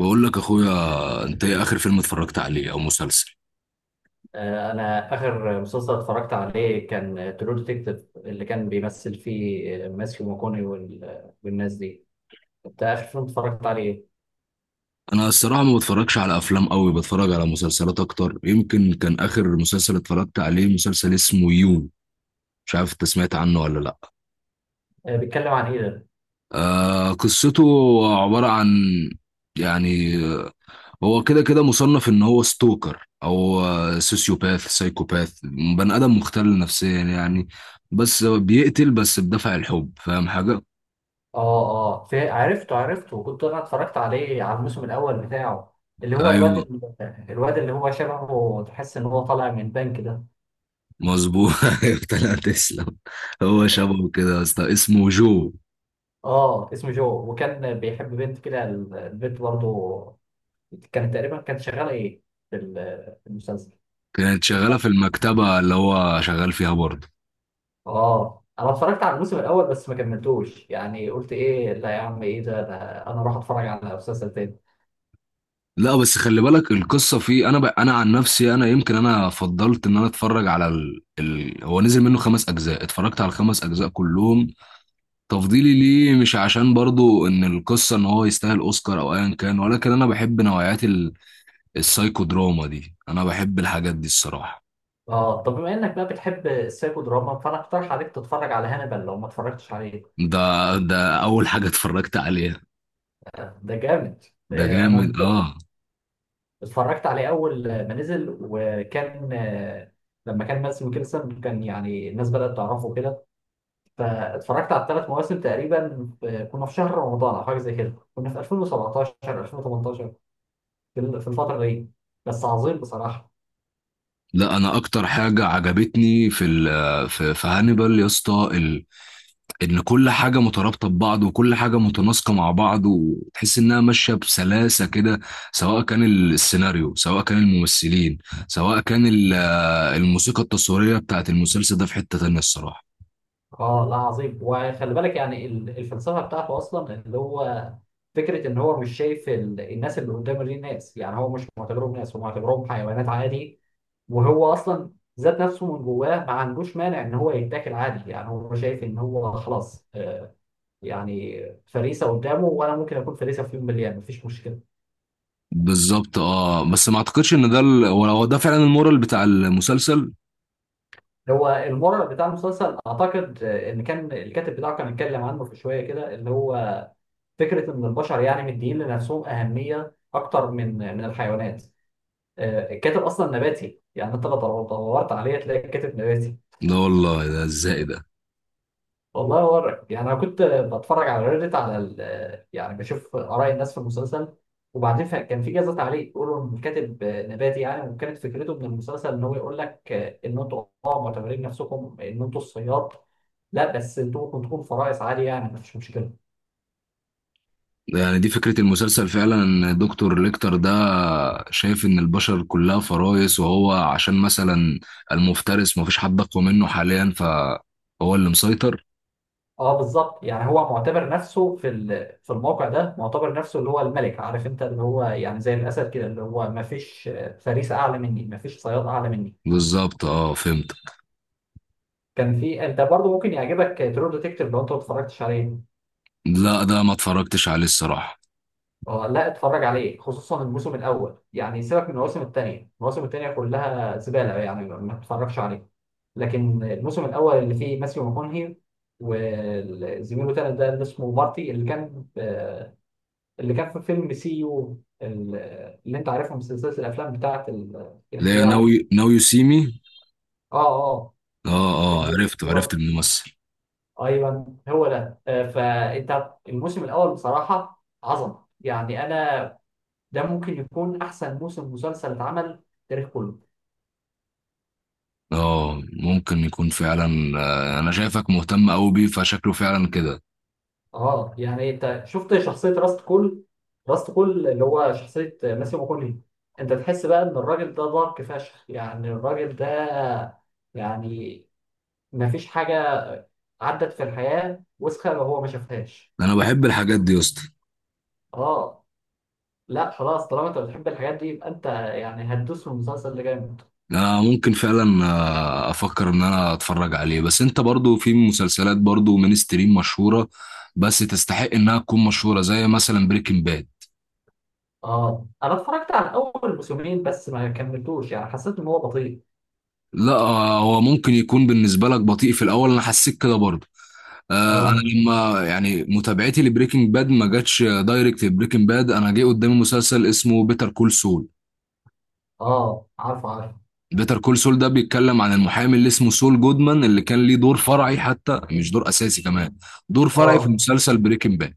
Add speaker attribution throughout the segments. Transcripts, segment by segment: Speaker 1: بقول لك اخويا، انت ايه اخر فيلم اتفرجت عليه او مسلسل؟
Speaker 2: انا اخر مسلسل اتفرجت عليه كان ترو ديتكتيف اللي كان بيمثل فيه ماثيو ماكوني والناس دي. انت اخر فيلم اتفرجت عليه إيه؟
Speaker 1: انا الصراحه ما بتفرجش على افلام قوي، بتفرج على مسلسلات اكتر. يمكن كان اخر مسلسل اتفرجت عليه مسلسل اسمه يو. مش عارف انت سمعت عنه ولا لا.
Speaker 2: بيتكلم عن ايه ده؟
Speaker 1: آه، قصته عباره عن يعني، هو كده كده مصنف ان هو ستوكر او سوسيوباث سايكوباث. بني ادم مختل نفسيا يعني. بس بيقتل بس بدافع الحب، فاهم حاجه؟
Speaker 2: اه، اه، في، عرفته عرفته، وكنت انا اتفرجت عليه على الموسم الاول بتاعه اللي هو
Speaker 1: ايوه،
Speaker 2: الواد اللي هو شبهه، تحس ان هو طالع من بنك ده.
Speaker 1: مظبوط. ايوه، طلعت تسلم. هو شبهه كده يا اسطى، اسمه جو.
Speaker 2: اه، اسمه جو، وكان بيحب بنت كده. البنت برضه كانت تقريبا كانت شغاله ايه في المسلسل.
Speaker 1: كانت شغاله في المكتبه اللي هو شغال فيها برضه.
Speaker 2: اه، انا اتفرجت على الموسم الاول بس ما كملتوش. يعني قلت ايه؟ لا يا عم، ايه ده؟ انا اروح اتفرج على مسلسل تاني.
Speaker 1: لا، بس خلي بالك القصه فيه. انا عن نفسي انا يمكن انا فضلت ان انا اتفرج على هو نزل منه 5 اجزاء، اتفرجت على الخمس اجزاء كلهم. تفضيلي ليه مش عشان برضه ان القصه ان هو يستاهل اوسكار او ايا كان، ولكن انا بحب نوعيات السايكو دراما دي. انا بحب الحاجات دي الصراحه.
Speaker 2: اه، طب بما انك بقى بتحب السايكو دراما فانا اقترح عليك تتفرج على هانيبال لو ما اتفرجتش عليه.
Speaker 1: ده اول حاجه اتفرجت عليها.
Speaker 2: ده جامد.
Speaker 1: ده جامد،
Speaker 2: انا
Speaker 1: اه.
Speaker 2: اتفرجت عليه اول ما نزل، وكان لما كان ماسم كيرسون كان يعني الناس بدأت تعرفه كده. فاتفرجت على الثلاث مواسم تقريبا. كنا في شهر رمضان او حاجه زي كده، كنا في 2017، 2018، في الفتره دي. بس عظيم بصراحه.
Speaker 1: لا، انا اكتر حاجه عجبتني في هانيبال يا اسطى، ان كل حاجه مترابطه ببعض، وكل حاجه متناسقه مع بعض، وتحس انها ماشيه بسلاسه كده. سواء كان السيناريو، سواء كان الممثلين، سواء كان الموسيقى التصويريه بتاعت المسلسل، ده في حته تانيه الصراحه.
Speaker 2: اه، لا عظيم. وخلي بالك يعني الفلسفه بتاعته اصلا اللي هو فكره ان هو مش شايف الناس اللي قدامه دي ناس. يعني هو مش معتبرهم ناس، هو معتبرهم حيوانات عادي. وهو اصلا ذات نفسه من جواه ما عندوش مانع ان هو يتاكل عادي. يعني هو شايف ان هو خلاص يعني فريسه قدامه، وانا ممكن اكون فريسه في يوم من الايام، مفيش مشكله.
Speaker 1: بالظبط، اه. بس ما اعتقدش ان ده هو ده فعلا المورال بتاع المسلسل.
Speaker 2: هو المورال بتاع المسلسل اعتقد، ان كان الكاتب بتاعه كان اتكلم عنه في شويه كده اللي هو فكره ان البشر يعني مدين لنفسهم اهميه اكتر من الحيوانات. الكاتب اصلا نباتي. يعني انت لو دورت عليه تلاقي الكاتب نباتي.
Speaker 1: لا والله، ده ازاي ده؟
Speaker 2: والله يورك. يعني انا كنت بتفرج على ريدت، على يعني بشوف اراء الناس في المسلسل. وبعدين كان في جزء تعليق يقولوا ان الكاتب نباتي يعني، وكانت فكرته من المسلسل ان هو يقول لك ان انتوا معتبرين نفسكم ان انتوا الصياد. لا بس انتوا ممكن تكونوا فرائس عادي، يعني مفيش مشكله.
Speaker 1: يعني دي فكرة المسلسل فعلا، ان دكتور ليكتر ده شايف ان البشر كلها فرائس، وهو عشان مثلا المفترس مفيش حد اقوى منه حاليا، فهو اللي مسيطر.
Speaker 2: اه، بالظبط. يعني هو معتبر نفسه في الموقع ده، معتبر نفسه اللي هو الملك، عارف انت، اللي هو يعني زي الاسد كده اللي هو ما فيش فريسه اعلى مني، ما فيش صياد اعلى مني.
Speaker 1: بالظبط، اه، فهمت.
Speaker 2: كان في، انت برضو ممكن يعجبك ترو ديتكتيف لو انت ما اتفرجتش عليه.
Speaker 1: لا، ده ما اتفرجتش عليه الصراحة.
Speaker 2: اه، لا، اتفرج عليه خصوصا الموسم الاول. يعني سيبك من المواسم الثانيه، المواسم الثانيه كلها زباله، يعني ما تتفرجش عليه. لكن الموسم الاول اللي فيه ماسيو ماكونهي وزميله تاني ده اللي اسمه مارتي، اللي كان في فيلم سي يو اللي انت عارفها من سلسله الافلام بتاعت
Speaker 1: اللي هي
Speaker 2: الخداع دي.
Speaker 1: ناو يو سي مي.
Speaker 2: اه، اه،
Speaker 1: اه، اه،
Speaker 2: ال-
Speaker 1: عرفت عرفت الممثل.
Speaker 2: ايوه هو ده. فانت الموسم الاول بصراحه عظمه. يعني انا ده ممكن يكون احسن موسم مسلسل اتعمل في التاريخ كله.
Speaker 1: اه، ممكن يكون فعلا. انا شايفك مهتم قوي بيه، فشكله فعلا كده.
Speaker 2: اه، يعني انت شفت شخصيه راست كول. راست كول اللي هو شخصيه ماسيو ماكوني. انت تحس بقى ان الراجل ده دارك فشخ. يعني الراجل ده يعني ما فيش حاجة عدت في الحياة وسخة وهو ما شافهاش.
Speaker 1: انا بحب الحاجات دي يا اسطى.
Speaker 2: اه، لا خلاص، طالما انت بتحب الحاجات دي يبقى انت يعني هتدوس في المسلسل ده جامد.
Speaker 1: آه، ممكن فعلا. افكر ان انا اتفرج عليه. بس انت برضو في مسلسلات برضو مينستريم مشهورة، بس تستحق انها تكون مشهورة، زي مثلا بريكنج باد.
Speaker 2: اه، انا اتفرجت على اول موسمين بس ما كملتوش. يعني حسيت ان هو بطيء.
Speaker 1: لا، هو ممكن يكون بالنسبة لك بطيء في الاول. انا حسيت كده برضو. انا
Speaker 2: اه،
Speaker 1: لما يعني متابعتي لبريكنج باد ما جاتش دايركت، بريكنج باد انا جه قدامي مسلسل اسمه بيتر كول سول.
Speaker 2: اه، عارف عارف.
Speaker 1: بيتر كول سول ده بيتكلم عن المحامي اللي اسمه سول جودمان، اللي كان ليه دور فرعي حتى مش دور اساسي كمان، دور فرعي في
Speaker 2: اه،
Speaker 1: مسلسل بريكنج باد.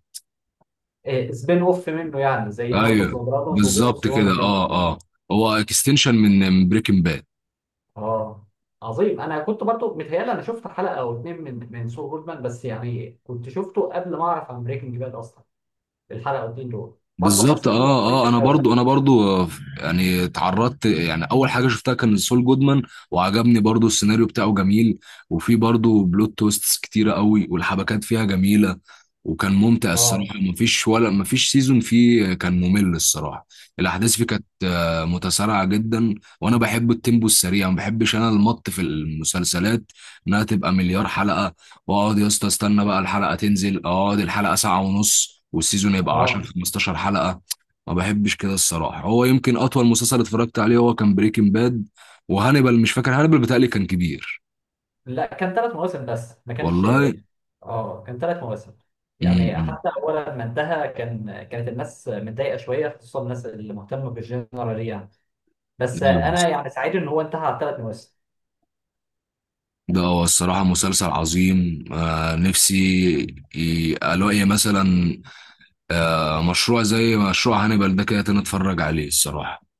Speaker 2: إيه، سبين اوف منه، يعني زي هاوس اوف
Speaker 1: ايوه،
Speaker 2: ذا دراجونز وجيم اوف
Speaker 1: بالظبط
Speaker 2: ثرونز
Speaker 1: كده،
Speaker 2: كده.
Speaker 1: اه، اه. هو اكستنشن من بريكنج باد.
Speaker 2: اه، عظيم. انا كنت برضو متهيألي انا شفت حلقه او اتنين من سو جودمان، بس يعني كنت شفته قبل ما اعرف عن بريكنج باد اصلا. الحلقه او اتنين دول برضو
Speaker 1: بالظبط، اه،
Speaker 2: حسيت انه بطيء في
Speaker 1: اه. انا
Speaker 2: الاول.
Speaker 1: برضو انا برضو يعني اتعرضت، يعني اول حاجه شفتها كان سول جودمان. وعجبني برضو، السيناريو بتاعه جميل. وفي برضو بلوت تويستس كتيره قوي، والحبكات فيها جميله. وكان ممتع
Speaker 2: اه،
Speaker 1: الصراحه، مفيش ولا مفيش سيزون فيه كان ممل الصراحه. الاحداث فيه كانت متسارعه جدا. وانا بحب التيمبو السريع، ما بحبش انا المط في المسلسلات، انها تبقى مليار حلقه. واقعد يا اسطى استنى بقى الحلقه تنزل، اقعد الحلقه ساعه ونص، والسيزون يبقى 10
Speaker 2: اه،
Speaker 1: 15 حلقه. ما بحبش كده الصراحه. هو يمكن اطول مسلسل اتفرجت عليه هو كان بريكنج باد وهانيبال. مش فاكر هانيبال، بتهيألي كان كبير.
Speaker 2: لا، كان ثلاث مواسم بس ما كانش.
Speaker 1: والله.
Speaker 2: اه، كان ثلاث مواسم. يعني
Speaker 1: امم.
Speaker 2: حتى اول ما انتهى كانت الناس متضايقه شويه، خصوصا الناس اللي مهتمه بالجنرال يعني. بس
Speaker 1: ايوه يا
Speaker 2: انا
Speaker 1: اسطى.
Speaker 2: يعني سعيد ان هو انتهى على ثلاث مواسم.
Speaker 1: ده هو الصراحه مسلسل عظيم. نفسي الاقي مثلا مشروع زي مشروع هانيبال ده كده تاني، اتفرج عليه الصراحه.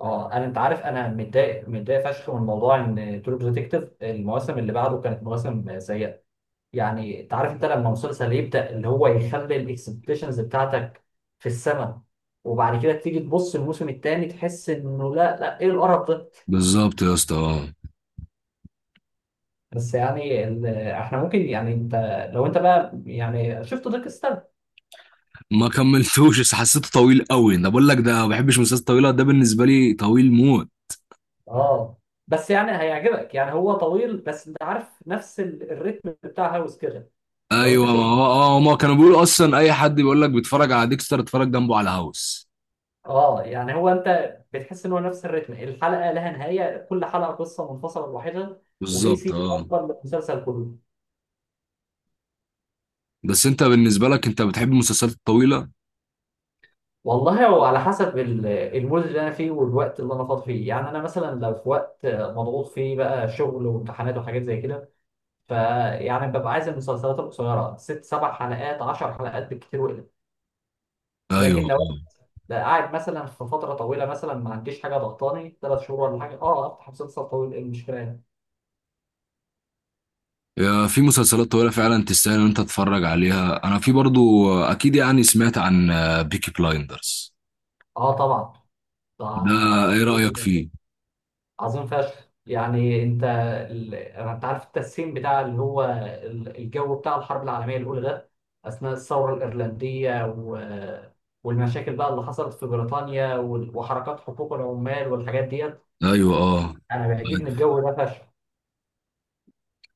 Speaker 2: اه، انا انت عارف، انا متضايق متضايق فشخ من موضوع ان ترو ديتكتيف المواسم اللي بعده كانت مواسم سيئه. يعني انت عارف، انت لما مسلسل يبدا اللي هو يخلي الاكسبكتيشنز بتاعتك في السماء، وبعد كده تيجي تبص الموسم الثاني تحس انه لا لا، ايه القرف ده.
Speaker 1: بالظبط يا اسطى.
Speaker 2: بس يعني احنا ممكن، يعني لو انت بقى يعني شفت دارك.
Speaker 1: ما كملتوش، بس حسيته طويل قوي. انا بقول لك ده ما بحبش المسلسلات الطويله، ده بالنسبه لي طويل موت.
Speaker 2: اه، بس يعني هيعجبك. يعني هو طويل بس انت عارف نفس الريتم بتاع هاوس كده. لو
Speaker 1: ايوه،
Speaker 2: انت
Speaker 1: ما
Speaker 2: شفته.
Speaker 1: هو ما كانوا بيقولوا اصلا، اي حد بيقول لك بيتفرج على ديكستر اتفرج جنبه على هاوس.
Speaker 2: اه، يعني هو انت بتحس ان هو نفس الريتم، الحلقه لها نهايه، كل حلقه قصه منفصله لوحدها. وفي
Speaker 1: بالظبط،
Speaker 2: سيت
Speaker 1: اه.
Speaker 2: اكبر من المسلسل كله.
Speaker 1: بس انت بالنسبه لك انت بتحب المسلسلات الطويله؟
Speaker 2: والله هو على حسب المود اللي انا فيه والوقت اللي انا فاضي فيه. يعني انا مثلا لو في وقت مضغوط فيه بقى شغل وامتحانات وحاجات زي كده، فيعني ببقى عايز المسلسلات القصيره ست سبع حلقات، عشر حلقات بالكتير وقلت.
Speaker 1: ايوه،
Speaker 2: لكن لو أنا قاعد مثلا في فتره طويله، مثلا ما عنديش حاجه ضغطاني ثلاث شهور ولا حاجه، افتح مسلسل طويل، ايه المشكله يعني.
Speaker 1: يا، في مسلسلات طويله فعلا تستاهل ان انت تتفرج عليها. انا في برضو اكيد يعني سمعت عن بيكي بلايندرز.
Speaker 2: اه، طبعا. ده
Speaker 1: ده ايه رايك فيه؟
Speaker 2: عظيم فشخ. يعني انت عارف التسخين بتاع اللي هو الجو بتاع الحرب العالميه الاولى ده، اثناء الثوره الايرلنديه والمشاكل بقى اللي حصلت في بريطانيا وحركات حقوق العمال والحاجات ديت.
Speaker 1: ايوه، اه.
Speaker 2: انا بيعجبني الجو ده فشخ.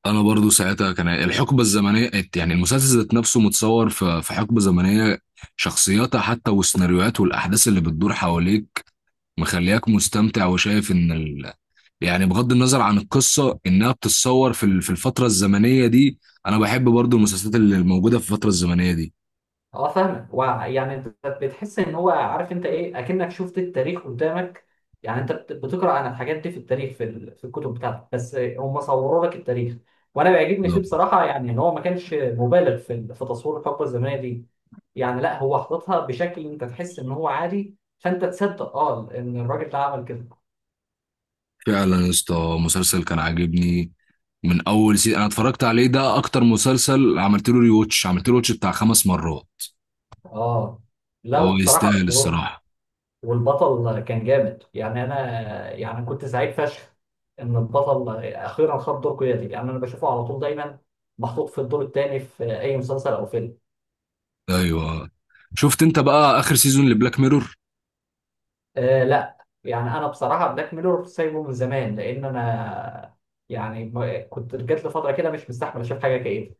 Speaker 1: انا برضو ساعتها كان الحقبه الزمنيه، يعني المسلسل ذات نفسه متصور في حقبه زمنيه، شخصياتها حتى والسيناريوهات والاحداث اللي بتدور حواليك مخلياك مستمتع وشايف ان يعني بغض النظر عن القصه، انها بتتصور في الفتره الزمنيه دي. انا بحب برضو المسلسلات اللي موجوده في الفتره الزمنيه دي.
Speaker 2: اه، فاهمك. ويعني انت بتحس ان هو عارف انت ايه، اكنك شفت التاريخ قدامك. يعني انت بتقرا عن الحاجات دي في التاريخ، في الكتب بتاعتك. بس هم صوروا لك التاريخ. وانا بيعجبني فيه
Speaker 1: بالظبط
Speaker 2: بصراحه. يعني ان هو ما كانش مبالغ في تصوير الحقبه الزمنيه دي. يعني لا، هو حاططها بشكل انت تحس ان هو عادي، فانت تصدق ان الراجل ده عمل كده.
Speaker 1: فعلا يا اسطى، مسلسل كان عاجبني من اول سي انا اتفرجت عليه. ده اكتر مسلسل عملت له ريوتش بتاع 5 مرات.
Speaker 2: اه، لا
Speaker 1: هو
Speaker 2: وبصراحه.
Speaker 1: يستاهل الصراحه.
Speaker 2: والبطل كان جامد. يعني انا يعني كنت سعيد فشخ ان البطل اخيرا خد دور قيادي. يعني انا بشوفه على طول دايما محطوط في الدور الثاني في اي مسلسل او فيلم.
Speaker 1: ايوه، شفت انت بقى اخر سيزون لبلاك ميرور؟
Speaker 2: لا، يعني انا بصراحه بلاك ميرور سايبه من زمان، لان انا يعني كنت جات لي فتره كده مش مستحمل اشوف حاجه كده.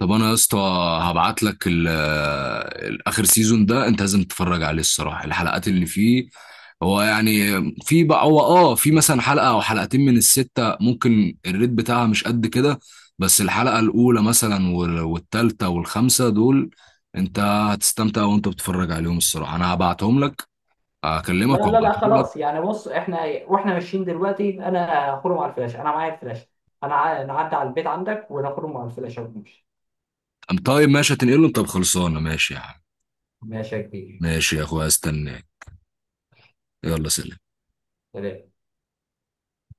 Speaker 1: طب انا يا اسطى هبعت لك الاخر سيزون ده، انت لازم تتفرج عليه الصراحه. الحلقات اللي فيه، هو يعني، في بقى هو في مثلا حلقه او حلقتين من السته ممكن الريت بتاعها مش قد كده. بس الحلقه الاولى مثلا والتالته والخامسه دول، انت هتستمتع وانت بتتفرج عليهم الصراحه. انا هبعتهم لك،
Speaker 2: لا،
Speaker 1: اكلمك
Speaker 2: لا، لا،
Speaker 1: وابعتهم لك.
Speaker 2: خلاص. يعني بص احنا واحنا ماشيين دلوقتي، انا هخرم على الفلاش، انا معايا الفلاش. انا نعدي على البيت عندك ونخرم على الفلاش ونمشي.
Speaker 1: طيب ماشي، هتنقلهم. طب خلصانه، ماشي يا عم.
Speaker 2: ماشي يا كبير.
Speaker 1: ماشي يا اخويا، استناك. يلا، سلام.
Speaker 2: سلام.